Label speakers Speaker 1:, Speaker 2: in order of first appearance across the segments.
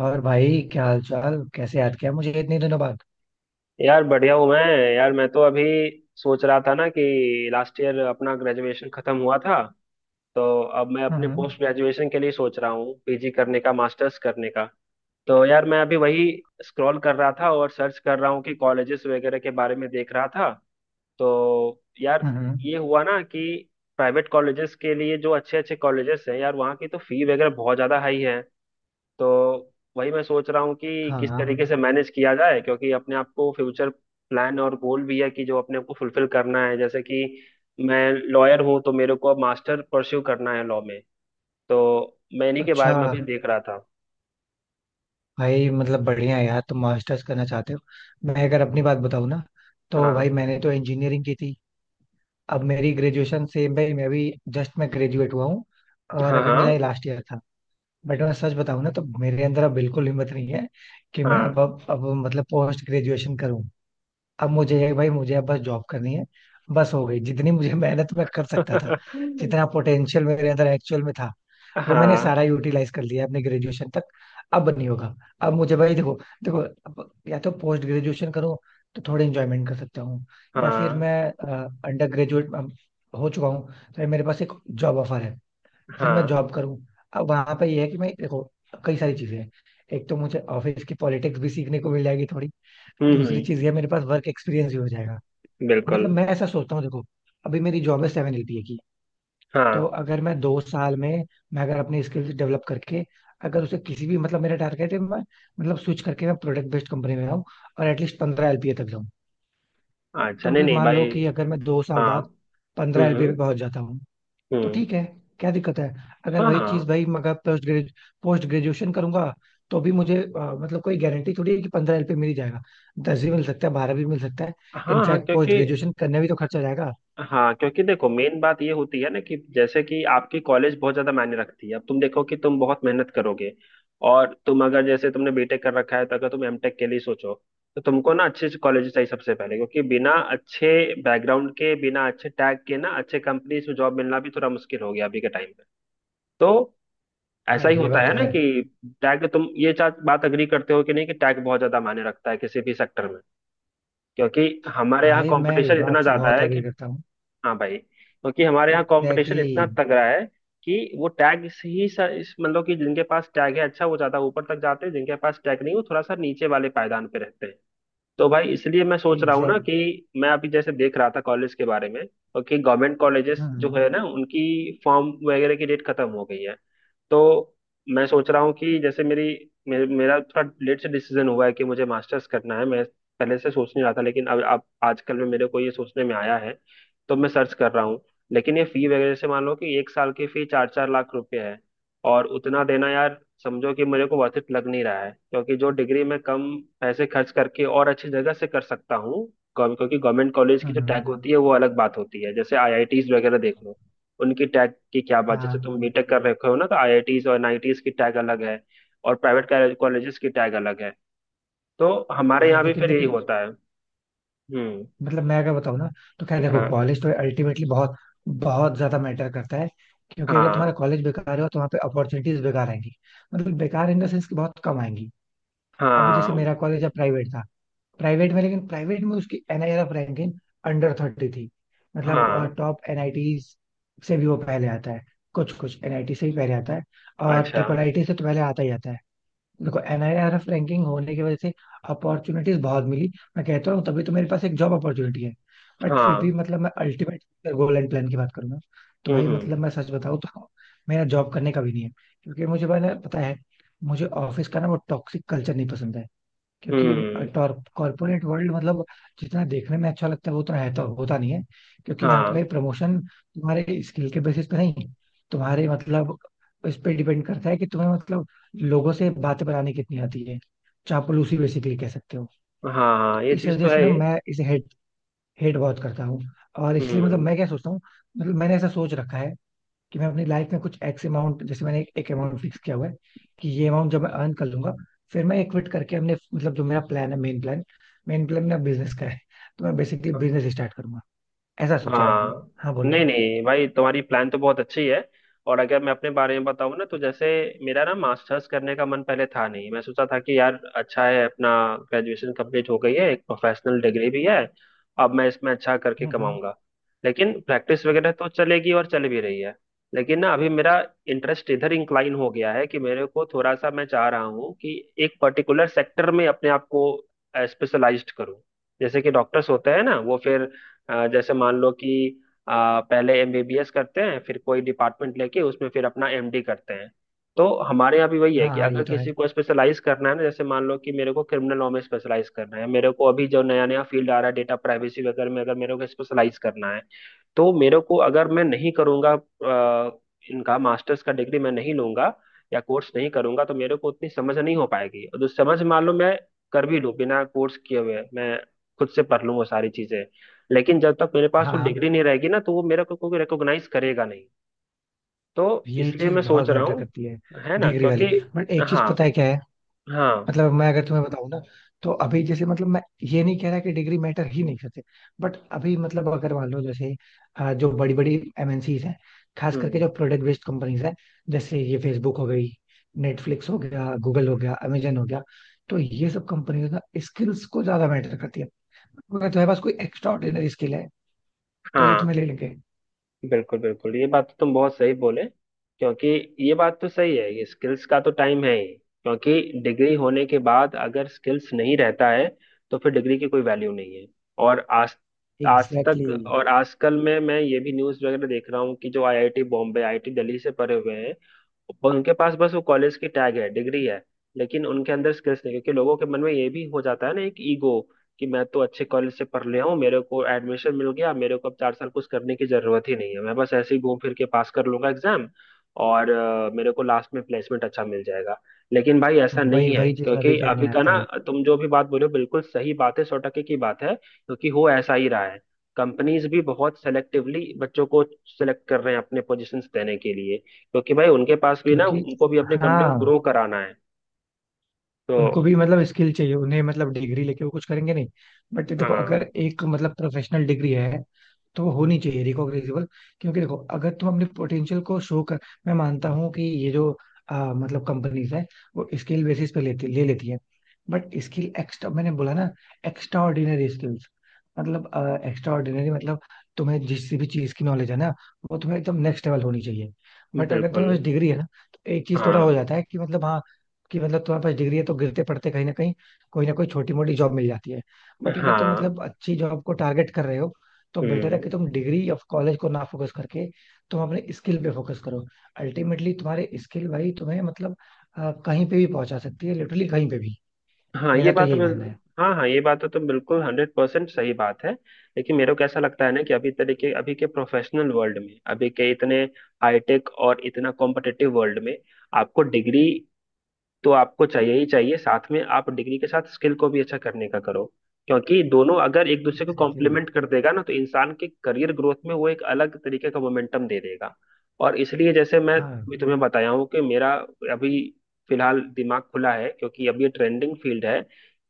Speaker 1: और भाई, क्या हाल चाल? कैसे याद किया मुझे इतने दिनों बाद?
Speaker 2: यार बढ़िया हूँ मैं। यार मैं तो अभी सोच रहा था ना कि लास्ट ईयर अपना ग्रेजुएशन खत्म हुआ था। तो अब मैं अपने
Speaker 1: हम्म।
Speaker 2: पोस्ट ग्रेजुएशन के लिए सोच रहा हूँ, पीजी करने का, मास्टर्स करने का। तो यार मैं अभी वही स्क्रॉल कर रहा था और सर्च कर रहा हूँ कि कॉलेजेस वगैरह के बारे में देख रहा था। तो यार,
Speaker 1: हम्म।
Speaker 2: ये हुआ ना कि प्राइवेट कॉलेजेस के लिए जो अच्छे अच्छे कॉलेजेस हैं यार, वहाँ की तो फी वगैरह बहुत ज़्यादा हाई है। तो वही मैं सोच रहा हूँ कि किस
Speaker 1: हाँ।
Speaker 2: तरीके से मैनेज किया जाए, क्योंकि अपने आप को फ्यूचर प्लान और गोल भी है कि जो अपने आप को फुलफिल करना है, जैसे कि मैं लॉयर हूँ तो मेरे को अब मास्टर परस्यू करना है लॉ में। तो मैं इन्हीं के बारे
Speaker 1: अच्छा।
Speaker 2: में अभी देख रहा था।
Speaker 1: भाई, मतलब बढ़िया है यार, तुम मास्टर्स करना चाहते हो। मैं अगर अपनी बात बताऊँ ना, तो भाई,
Speaker 2: हाँ।
Speaker 1: मैंने तो इंजीनियरिंग की थी। अब मेरी ग्रेजुएशन सेम, भाई मैं अभी जस्ट मैं ग्रेजुएट हुआ हूँ। और
Speaker 2: हाँ।
Speaker 1: अभी
Speaker 2: हाँ।
Speaker 1: मेरा ये लास्ट ईयर था। बट मैं सच बताऊँ ना, तो मेरे अंदर अब बिल्कुल हिम्मत नहीं है कि मैं
Speaker 2: हाँ।
Speaker 1: अब मतलब पोस्ट ग्रेजुएशन करूँ। अब मुझे है भाई, मुझे अब बस जॉब करनी है। बस हो गई, जितनी मुझे मेहनत मैं कर सकता था। जितना पोटेंशियल मेरे अंदर एक्चुअल में था, वो मैंने
Speaker 2: हाँ।
Speaker 1: सारा यूटिलाइज कर लिया अपने ग्रेजुएशन तक। अब नहीं होगा। अब मुझे भाई देखो, देखो, अब या तो पोस्ट ग्रेजुएशन करूँ, तो थोड़ी इंजॉयमेंट कर सकता हूँ। या फिर
Speaker 2: हाँ।
Speaker 1: मैं अंडर ग्रेजुएट हो चुका हूँ, तो भाई मेरे पास एक जॉब ऑफर है, फिर मैं
Speaker 2: हाँ।
Speaker 1: जॉब करूँ। अब वहां पे ये है कि मैं देखो, कई सारी चीजें हैं। एक तो मुझे ऑफिस की पॉलिटिक्स भी सीखने को मिल जाएगी थोड़ी।
Speaker 2: हम्म, हम्म।
Speaker 1: दूसरी चीज ये, मेरे पास वर्क एक्सपीरियंस भी हो जाएगा।
Speaker 2: बिल्कुल।
Speaker 1: मतलब मैं ऐसा सोचता हूँ, देखो अभी मेरी जॉब है 7 एलपीए की।
Speaker 2: हाँ।
Speaker 1: तो अगर मैं 2 साल में, मैं अगर अपनी स्किल्स डेवलप करके, अगर उसे किसी भी मतलब, मेरा टारगेट है, मैं मतलब स्विच करके मैं प्रोडक्ट बेस्ड कंपनी में आऊँ, और एटलीस्ट 15 एलपीए तक जाऊँ।
Speaker 2: अच्छा,
Speaker 1: तो
Speaker 2: नहीं
Speaker 1: अगर
Speaker 2: नहीं
Speaker 1: मान लो
Speaker 2: भाई।
Speaker 1: कि अगर मैं दो साल
Speaker 2: हाँ।
Speaker 1: बाद पंद्रह
Speaker 2: हम्म,
Speaker 1: एलपीए
Speaker 2: हम्म,
Speaker 1: पे पहुंच जाता हूँ, तो
Speaker 2: हम्म।
Speaker 1: ठीक है, क्या दिक्कत है? अगर
Speaker 2: हाँ।
Speaker 1: वही चीज
Speaker 2: हाँ।
Speaker 1: भाई, मगर पोस्ट ग्रेजुएशन करूंगा, तो भी मुझे मतलब कोई गारंटी थोड़ी है कि 15 एलपीए मिल ही जाएगा? 10 भी मिल सकता है, 12 भी मिल सकता है।
Speaker 2: हाँ। हाँ,
Speaker 1: इनफैक्ट पोस्ट
Speaker 2: क्योंकि।
Speaker 1: ग्रेजुएशन करने भी तो खर्चा जाएगा।
Speaker 2: हाँ, क्योंकि देखो मेन बात ये होती है ना कि जैसे कि आपकी कॉलेज बहुत ज्यादा मायने रखती है। अब तुम देखो कि तुम बहुत मेहनत करोगे, और तुम अगर जैसे तुमने बीटेक कर रखा है तो अगर तुम एमटेक के लिए सोचो, तो तुमको ना अच्छे से कॉलेज चाहिए सबसे पहले, क्योंकि बिना अच्छे बैकग्राउंड के, बिना अच्छे टैग के ना, अच्छे कंपनीज में जॉब मिलना भी थोड़ा मुश्किल हो गया अभी के टाइम पे। तो
Speaker 1: हाँ,
Speaker 2: ऐसा ही
Speaker 1: ये
Speaker 2: होता
Speaker 1: बात
Speaker 2: है
Speaker 1: तो
Speaker 2: ना
Speaker 1: है।
Speaker 2: कि टैग, तुम ये बात अग्री करते हो कि नहीं कि टैग बहुत ज्यादा मायने रखता है किसी भी सेक्टर में, क्योंकि हमारे यहाँ
Speaker 1: भाई, मैं इस
Speaker 2: कंपटीशन इतना
Speaker 1: बात से
Speaker 2: ज्यादा
Speaker 1: बहुत
Speaker 2: है कि।
Speaker 1: एग्री करता हूँ।
Speaker 2: हाँ भाई, क्योंकि हमारे यहाँ कंपटीशन
Speaker 1: एग्जैक्टली।
Speaker 2: इतना तगड़ा है कि वो टैग से ही इस मतलब कि जिनके पास टैग है अच्छा वो ज्यादा ऊपर तक जाते हैं, जिनके पास टैग नहीं वो थोड़ा सा नीचे वाले पायदान पे रहते हैं। तो भाई इसलिए मैं सोच रहा हूँ ना
Speaker 1: एग्जैक्ट।
Speaker 2: कि मैं अभी जैसे देख रहा था कॉलेज के बारे में, और कि गवर्नमेंट कॉलेजेस जो
Speaker 1: हाँ।
Speaker 2: है ना उनकी फॉर्म वगैरह की डेट खत्म हो गई है। तो मैं सोच रहा हूँ कि जैसे मेरी, मेरा थोड़ा लेट से डिसीजन हुआ है कि मुझे मास्टर्स करना है। मैं पहले से सोच नहीं रहा था, लेकिन अब आजकल में मेरे को ये सोचने में आया है। तो मैं सर्च कर रहा हूँ। लेकिन ये फी वगैरह से मान लो कि एक साल की फी चार चार लाख रुपए है, और उतना देना यार, समझो कि मेरे को वर्थ इट लग नहीं रहा है, क्योंकि जो डिग्री मैं कम पैसे खर्च करके और अच्छी जगह से कर सकता हूँ। क्योंकि गवर्नमेंट कॉलेज की जो टैग
Speaker 1: हाँ।
Speaker 2: होती है वो अलग बात होती है, जैसे आईआईटीज वगैरह देख लो। उनकी टैग की क्या बात,
Speaker 1: हाँ।
Speaker 2: जैसे तुम बीटेक कर रखे हो ना तो आईआईटीज और एनआईटीज की टैग अलग है, और प्राइवेट कॉलेजेस की टैग अलग है। तो हमारे
Speaker 1: हाँ,
Speaker 2: यहाँ भी
Speaker 1: लेकिन
Speaker 2: फिर यही
Speaker 1: देख,
Speaker 2: होता है। हम्म।
Speaker 1: मतलब मैं अगर बताऊँ ना, तो खैर देखो,
Speaker 2: हाँ।
Speaker 1: कॉलेज तो अल्टीमेटली बहुत बहुत ज्यादा मैटर करता है। क्योंकि अगर तुम्हारा
Speaker 2: हाँ।
Speaker 1: कॉलेज बेकार हो, तो वहाँ पे अपॉर्चुनिटीज बेकार आएंगी। मतलब बेकार इन द सेंस कि बहुत कम आएंगी। अभी जैसे
Speaker 2: हाँ।
Speaker 1: मेरा कॉलेज अब प्राइवेट था, प्राइवेट में, लेकिन प्राइवेट में उसकी एनआईआरएफ रैंकिंग अंडर 30 थी।
Speaker 2: हाँ।
Speaker 1: मतलब टॉप एनआईटीज से भी वो पहले आता है। कुछ कुछ एनआईटी से ही पहले आता है। और
Speaker 2: अच्छा।
Speaker 1: ट्रिपल आईटी से तो पहले आता ही आता है। देखो, एनआईआरएफ रैंकिंग होने की वजह से अपॉर्चुनिटीज बहुत मिली। मैं कहता हूँ तभी तो मेरे पास एक जॉब अपॉर्चुनिटी है। बट फिर
Speaker 2: हाँ।
Speaker 1: भी मतलब मैं अल्टीमेट गोल एंड प्लान की बात करूंगा, तो
Speaker 2: हम्म,
Speaker 1: भाई
Speaker 2: हम्म,
Speaker 1: मतलब मैं सच बताऊँ, तो मेरा जॉब करने का भी नहीं है। क्योंकि मुझे पता पता है, मुझे ऑफिस का ना वो टॉक्सिक कल्चर नहीं पसंद है। क्योंकि
Speaker 2: हम्म।
Speaker 1: कॉर्पोरेट वर्ल्ड मतलब जितना देखने में अच्छा लगता है, वो उतना है तो होता नहीं है। क्योंकि यहाँ पे
Speaker 2: हाँ।
Speaker 1: प्रमोशन तुम्हारे स्किल के बेसिस पे नहीं, तुम्हारे मतलब इस पे डिपेंड करता है कि तुम्हें मतलब लोगों से बातें बनाने कितनी आती है। चापलूसी बेसिकली कह सकते हो।
Speaker 2: हाँ,
Speaker 1: तो
Speaker 2: हाँ, ये
Speaker 1: इस
Speaker 2: चीज
Speaker 1: वजह
Speaker 2: तो
Speaker 1: से
Speaker 2: है
Speaker 1: ना
Speaker 2: ही।
Speaker 1: मैं इसे हेट हेट बहुत करता हूँ। और इसलिए मतलब
Speaker 2: हम्म।
Speaker 1: मैं क्या सोचता हूँ, मतलब मैंने ऐसा सोच रखा है कि मैं अपनी लाइफ में कुछ एक्स अमाउंट, जैसे मैंने एक अमाउंट फिक्स किया हुआ है, कि ये अमाउंट जब मैं अर्न कर लूंगा, फिर मैं एक क्विट करके अपने मतलब जो मेरा प्लान है, मेन प्लान। मेन प्लान मेरा बिजनेस का है। तो मैं बेसिकली बिजनेस स्टार्ट करूंगा। ऐसा सोचा है मैंने।
Speaker 2: हाँ,
Speaker 1: हाँ, बोलो।
Speaker 2: नहीं नहीं भाई, तुम्हारी प्लान तो बहुत अच्छी है। और अगर मैं अपने बारे में बताऊँ ना तो जैसे, मेरा ना मास्टर्स करने का मन पहले था नहीं, मैं सोचा था कि यार अच्छा है, अपना ग्रेजुएशन कंप्लीट हो गई है, एक प्रोफेशनल डिग्री भी है, अब मैं इसमें अच्छा करके
Speaker 1: हम्म। हम्म।
Speaker 2: कमाऊंगा। लेकिन प्रैक्टिस वगैरह तो चलेगी और चल भी रही है। लेकिन ना अभी मेरा इंटरेस्ट इधर इंक्लाइन हो गया है कि मेरे को थोड़ा सा, मैं चाह रहा हूँ कि एक पर्टिकुलर सेक्टर में अपने आप को स्पेशलाइज्ड करूँ। जैसे कि डॉक्टर्स होते हैं ना वो फिर जैसे मान लो कि अ, पहले एमबीबीएस करते हैं फिर कोई डिपार्टमेंट लेके उसमें फिर अपना एमडी करते हैं। तो हमारे यहाँ भी वही है
Speaker 1: हाँ।
Speaker 2: कि
Speaker 1: हाँ,
Speaker 2: अगर
Speaker 1: ये तो है।
Speaker 2: किसी को स्पेशलाइज करना है ना, जैसे मान लो कि मेरे को क्रिमिनल लॉ में स्पेशलाइज करना है, मेरे को अभी जो नया नया फील्ड आ रहा है डेटा प्राइवेसी वगैरह में, अगर मेरे को स्पेशलाइज करना है तो मेरे को, अगर मैं नहीं करूंगा इनका मास्टर्स का डिग्री मैं नहीं लूंगा या कोर्स नहीं करूंगा, तो मेरे को उतनी समझ नहीं हो पाएगी। और जो समझ, मान लो मैं कर भी लूं बिना कोर्स किए हुए, मैं खुद से पढ़ लूँ वो सारी चीजें, लेकिन जब तक मेरे पास वो
Speaker 1: हाँ,
Speaker 2: डिग्री नहीं रहेगी ना तो वो मेरा को रिकॉग्नाइज करेगा नहीं। तो
Speaker 1: ये
Speaker 2: इसलिए
Speaker 1: चीज
Speaker 2: मैं सोच
Speaker 1: बहुत
Speaker 2: रहा
Speaker 1: मैटर
Speaker 2: हूँ,
Speaker 1: करती है,
Speaker 2: है ना,
Speaker 1: डिग्री वाली।
Speaker 2: क्योंकि।
Speaker 1: बट एक चीज
Speaker 2: हाँ।
Speaker 1: पता है क्या है,
Speaker 2: हाँ।
Speaker 1: मतलब मैं अगर तुम्हें बताऊं ना, तो अभी जैसे मतलब, मैं ये नहीं कह रहा कि डिग्री मैटर ही नहीं करते। बट अभी मतलब अगर मान लो जैसे जो बड़ी बड़ी एमएनसीज हैं, खास करके
Speaker 2: हम्म।
Speaker 1: जो प्रोडक्ट बेस्ड कंपनीज हैं, जैसे ये फेसबुक हो गई, नेटफ्लिक्स हो गया, गूगल हो गया, अमेजन हो गया, तो ये सब कंपनीज ना स्किल्स को ज्यादा मैटर करती है। अगर तुम्हारे पास कोई एक्स्ट्रा ऑर्डिनरी स्किल है, तो ये
Speaker 2: हाँ।
Speaker 1: तुम्हें ले लेंगे।
Speaker 2: बिल्कुल बिल्कुल, ये बात तो तुम बहुत सही बोले, क्योंकि ये बात तो सही है, ये स्किल्स का तो टाइम है ही, क्योंकि डिग्री होने के बाद अगर स्किल्स नहीं रहता है तो फिर डिग्री की कोई वैल्यू नहीं है। और आज, आज
Speaker 1: एग्जैक्टली
Speaker 2: तक
Speaker 1: exactly।
Speaker 2: और आजकल में मैं ये भी न्यूज़ वगैरह देख रहा हूँ कि जो आईआईटी बॉम्बे, आईआईटी दिल्ली से पढ़े हुए हैं, उनके पास बस वो कॉलेज की टैग है, डिग्री है, लेकिन उनके अंदर स्किल्स नहीं, क्योंकि लोगों के मन में ये भी हो जाता है ना एक ईगो, कि मैं तो अच्छे कॉलेज से पढ़ लिया हूँ, मेरे को एडमिशन मिल गया, मेरे को अब 4 साल कुछ करने की जरूरत ही नहीं है, मैं बस ऐसे ही घूम फिर के पास कर लूंगा एग्जाम। और मेरे को लास्ट में प्लेसमेंट अच्छा मिल जाएगा। लेकिन भाई ऐसा
Speaker 1: वही
Speaker 2: नहीं है,
Speaker 1: वही चीज मैं भी
Speaker 2: क्योंकि
Speaker 1: कहने
Speaker 2: अभी
Speaker 1: आ रहा
Speaker 2: का
Speaker 1: था
Speaker 2: ना,
Speaker 1: भाई,
Speaker 2: तुम जो भी बात बोले हो, बिल्कुल सही बात है, सौ टके की बात है, क्योंकि हो ऐसा ही रहा है। कंपनीज भी बहुत सेलेक्टिवली बच्चों को सेलेक्ट कर रहे हैं अपने पोजीशंस देने के लिए, क्योंकि भाई उनके पास भी ना,
Speaker 1: क्योंकि
Speaker 2: उनको भी अपनी कंपनी को
Speaker 1: हाँ,
Speaker 2: ग्रो कराना है। तो।
Speaker 1: उनको भी मतलब स्किल चाहिए उन्हें, मतलब डिग्री लेके वो कुछ करेंगे नहीं। बट देखो, अगर
Speaker 2: हाँ।
Speaker 1: एक मतलब प्रोफेशनल डिग्री है, तो वो होनी चाहिए रिकॉग्नाइजेबल। क्योंकि देखो अगर तुम अपने पोटेंशियल को शो कर, मैं मानता हूँ कि ये जो मतलब कंपनीज है, वो स्किल बेसिस पे लेती ले लेती है। बट स्किल एक्स्ट्रा मैंने बोला ना, एक्स्ट्रा ऑर्डिनरी स्किल्स, मतलब एक्स्ट्रा ऑर्डिनरी, मतलब तुम्हें जिस भी चीज की नॉलेज है ना, वो तुम्हें एकदम नेक्स्ट लेवल होनी चाहिए। बट अगर
Speaker 2: बिल्कुल।
Speaker 1: तुम्हें बस डिग्री है ना, तो एक चीज थोड़ा हो
Speaker 2: हाँ।
Speaker 1: जाता है कि मतलब हाँ, कि मतलब तुम्हारे पास डिग्री है तो गिरते पड़ते कहीं ना कहीं, कोई ना कोई छोटी मोटी जॉब मिल जाती है। बट अगर तुम
Speaker 2: हाँ।
Speaker 1: मतलब अच्छी जॉब को टारगेट कर रहे हो, तो बेटर है कि
Speaker 2: हम्म।
Speaker 1: तुम डिग्री ऑफ कॉलेज को ना फोकस करके, तुम अपने स्किल पे फोकस करो। अल्टीमेटली तुम्हारे स्किल भाई तुम्हें मतलब कहीं पे भी पहुंचा सकती है, लिटरली कहीं पे भी।
Speaker 2: हाँ,
Speaker 1: मेरा
Speaker 2: ये
Speaker 1: तो
Speaker 2: बात
Speaker 1: यही
Speaker 2: हमें।
Speaker 1: मानना है।
Speaker 2: हाँ हाँ, ये बात तो तुम बिल्कुल 100% सही बात है। लेकिन मेरे को ऐसा लगता है ना कि अभी तरीके, अभी के प्रोफेशनल वर्ल्ड में, अभी के इतने हाईटेक और इतना कॉम्पिटिटिव वर्ल्ड में आपको डिग्री तो आपको चाहिए ही चाहिए, साथ में आप डिग्री के साथ स्किल को भी अच्छा करने का करो, क्योंकि दोनों अगर एक दूसरे को
Speaker 1: एग्जैक्टली।
Speaker 2: कॉम्प्लीमेंट कर देगा ना तो इंसान के करियर ग्रोथ में वो एक अलग तरीके का मोमेंटम दे देगा। और इसलिए जैसे मैं
Speaker 1: हाँ।
Speaker 2: भी तुम्हें बताया हूँ कि मेरा अभी फिलहाल दिमाग खुला है, क्योंकि अब ये ट्रेंडिंग फील्ड है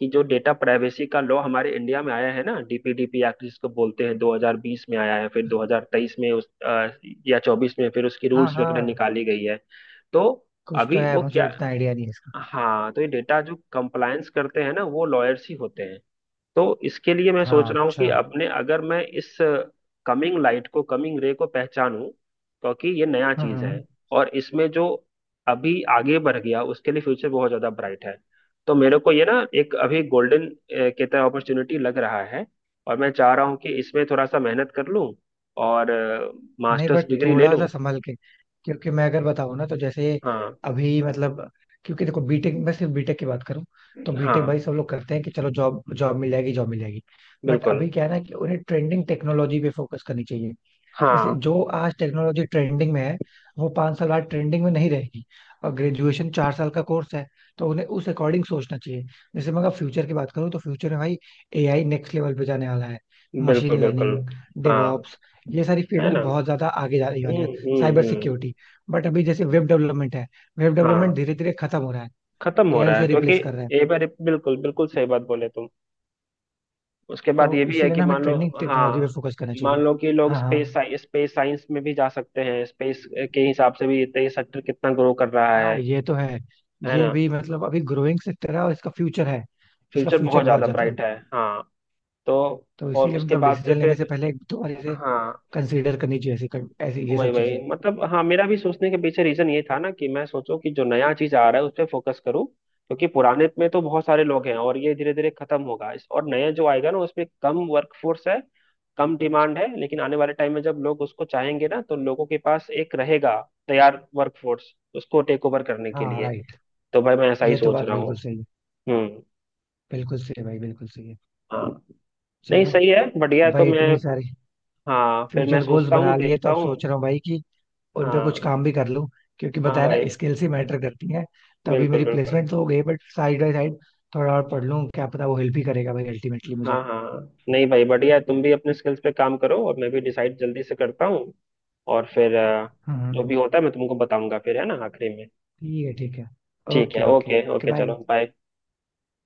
Speaker 2: कि जो डेटा प्राइवेसी का लॉ हमारे इंडिया में आया है ना, डीपीडीपी एक्ट जिसको बोलते हैं, 2020 में आया है, फिर 2023 में उस या 24 में फिर उसकी
Speaker 1: हाँ।
Speaker 2: रूल्स वगैरह
Speaker 1: हाँ।
Speaker 2: निकाली गई है। तो
Speaker 1: कुछ तो
Speaker 2: अभी
Speaker 1: है,
Speaker 2: वो क्या।
Speaker 1: मुझे इतना आइडिया नहीं है इसका।
Speaker 2: हाँ, तो ये डेटा जो कंप्लायंस करते हैं ना वो लॉयर्स ही होते हैं। तो इसके लिए मैं सोच
Speaker 1: हाँ,
Speaker 2: रहा हूँ कि
Speaker 1: अच्छा।
Speaker 2: अपने, अगर मैं इस कमिंग लाइट को, कमिंग रे को पहचानूं, क्योंकि ये नया चीज है,
Speaker 1: हम्म।
Speaker 2: और इसमें जो अभी आगे बढ़ गया उसके लिए फ्यूचर बहुत ज्यादा ब्राइट है। तो मेरे को ये ना एक अभी गोल्डन के तरह अपॉर्चुनिटी लग रहा है, और मैं चाह रहा हूँ कि इसमें थोड़ा सा मेहनत कर लूँ, और
Speaker 1: नहीं,
Speaker 2: मास्टर्स
Speaker 1: बट
Speaker 2: डिग्री ले
Speaker 1: थोड़ा सा
Speaker 2: लूँ।
Speaker 1: संभल के। क्योंकि मैं अगर बताऊं ना, तो जैसे
Speaker 2: हाँ।
Speaker 1: अभी मतलब, क्योंकि देखो बीटेक, मैं सिर्फ बीटेक की बात करूं, तो बीटेक
Speaker 2: हाँ।
Speaker 1: भाई सब लोग करते हैं कि चलो जॉब, जॉब मिल जाएगी, जॉब मिल जाएगी। बट
Speaker 2: बिल्कुल।
Speaker 1: अभी क्या है ना, कि उन्हें ट्रेंडिंग टेक्नोलॉजी पे फोकस करनी चाहिए। जैसे
Speaker 2: हाँ।
Speaker 1: जो आज टेक्नोलॉजी ट्रेंडिंग में है, वो 5 साल बाद ट्रेंडिंग में नहीं रहेगी। और ग्रेजुएशन 4 साल का कोर्स है, तो उन्हें उस अकॉर्डिंग सोचना चाहिए। जैसे मैं अगर फ्यूचर की बात करूँ, तो फ्यूचर में भाई एआई नेक्स्ट लेवल पे जाने वाला है।
Speaker 2: बिल्कुल
Speaker 1: मशीन
Speaker 2: बिल्कुल।
Speaker 1: लर्निंग,
Speaker 2: हाँ।
Speaker 1: डेवॉप्स, ये सारी फील्ड
Speaker 2: है
Speaker 1: में
Speaker 2: ना।
Speaker 1: बहुत ज्यादा आगे जा रही वाली
Speaker 2: हम्म,
Speaker 1: है।
Speaker 2: हम्म,
Speaker 1: साइबर
Speaker 2: हम्म।
Speaker 1: सिक्योरिटी। बट अभी जैसे वेब डेवलपमेंट है, वेब डेवलपमेंट
Speaker 2: हाँ,
Speaker 1: धीरे धीरे खत्म हो रहा है।
Speaker 2: खत्म हो
Speaker 1: एआई
Speaker 2: रहा है
Speaker 1: उसे
Speaker 2: क्योंकि।
Speaker 1: रिप्लेस कर रहा है।
Speaker 2: एक बार, बिल्कुल बिल्कुल सही बात बोले तुम। उसके बाद ये
Speaker 1: तो
Speaker 2: भी है
Speaker 1: इसीलिए
Speaker 2: कि
Speaker 1: ना हमें
Speaker 2: मान लो।
Speaker 1: ट्रेंडिंग टेक्नोलॉजी पे
Speaker 2: हाँ,
Speaker 1: फोकस करना चाहिए।
Speaker 2: मान लो कि लोग
Speaker 1: हाँ।
Speaker 2: स्पेस,
Speaker 1: हाँ।
Speaker 2: स्पेस साइंस में भी जा सकते हैं। स्पेस के हिसाब से भी ये सेक्टर कितना ग्रो कर रहा है
Speaker 1: हाँ, ये तो है।
Speaker 2: है
Speaker 1: ये
Speaker 2: ना।
Speaker 1: भी मतलब अभी ग्रोइंग सेक्टर है, और इसका फ्यूचर है। इसका
Speaker 2: फ्यूचर
Speaker 1: फ्यूचर
Speaker 2: बहुत
Speaker 1: बहुत
Speaker 2: ज्यादा
Speaker 1: ज्यादा है।
Speaker 2: ब्राइट है, हाँ। तो,
Speaker 1: तो
Speaker 2: और
Speaker 1: इसीलिए
Speaker 2: उसके
Speaker 1: मतलब
Speaker 2: बाद से
Speaker 1: डिसीजन लेने से
Speaker 2: फिर।
Speaker 1: पहले एक दो बार इसे
Speaker 2: हाँ,
Speaker 1: कंसीडर करनी चाहिए, ऐसी ये
Speaker 2: वही
Speaker 1: सब
Speaker 2: वही
Speaker 1: चीजें।
Speaker 2: मतलब, हाँ, मेरा भी सोचने के पीछे रीजन ये था ना कि मैं सोचो कि जो नया चीज आ रहा है उस पर फोकस करूँ, क्योंकि पुराने में तो बहुत सारे लोग हैं और ये धीरे धीरे खत्म होगा, इस और नया जो आएगा ना उसमें कम वर्कफोर्स है, कम डिमांड है, लेकिन आने वाले टाइम में जब लोग उसको चाहेंगे ना तो लोगों के पास एक रहेगा तैयार वर्कफोर्स उसको टेक ओवर करने के
Speaker 1: हाँ,
Speaker 2: लिए।
Speaker 1: राइट।
Speaker 2: तो भाई मैं ऐसा ही
Speaker 1: ये तो
Speaker 2: सोच
Speaker 1: बात
Speaker 2: रहा हूँ।
Speaker 1: बिल्कुल सही है।
Speaker 2: हम्म।
Speaker 1: बिल्कुल सही है भाई, बिल्कुल सही है।
Speaker 2: हाँ। नहीं
Speaker 1: चलो।
Speaker 2: सही है, बढ़िया
Speaker 1: अब
Speaker 2: है, तो
Speaker 1: भाई
Speaker 2: मैं।
Speaker 1: इतनी सारी
Speaker 2: हाँ, फिर मैं
Speaker 1: फ्यूचर गोल्स
Speaker 2: सोचता हूँ,
Speaker 1: बना लिए, तो
Speaker 2: देखता
Speaker 1: अब
Speaker 2: हूँ।
Speaker 1: सोच रहा हूँ भाई कि उन पे कुछ
Speaker 2: हाँ।
Speaker 1: काम भी कर लूँ। क्योंकि
Speaker 2: हाँ
Speaker 1: बताया ना,
Speaker 2: भाई।
Speaker 1: स्किल्स ही मैटर करती हैं। तो अभी
Speaker 2: बिल्कुल
Speaker 1: मेरी
Speaker 2: बिल्कुल।
Speaker 1: प्लेसमेंट तो हो गई, बट साइड बाई साइड थोड़ा और पढ़ लूँ, क्या पता वो हेल्प ही करेगा भाई अल्टीमेटली मुझे।
Speaker 2: हाँ। हाँ, नहीं भाई बढ़िया है, तुम भी अपने स्किल्स पे काम करो और मैं भी डिसाइड जल्दी से करता हूँ। और फिर
Speaker 1: हम्म।
Speaker 2: जो भी होता है मैं तुमको बताऊंगा फिर, है ना, आखिरी में।
Speaker 1: ठीक है। ठीक है।
Speaker 2: ठीक है।
Speaker 1: Okay okay
Speaker 2: okay
Speaker 1: okay
Speaker 2: okay
Speaker 1: bye.
Speaker 2: चलो बाय।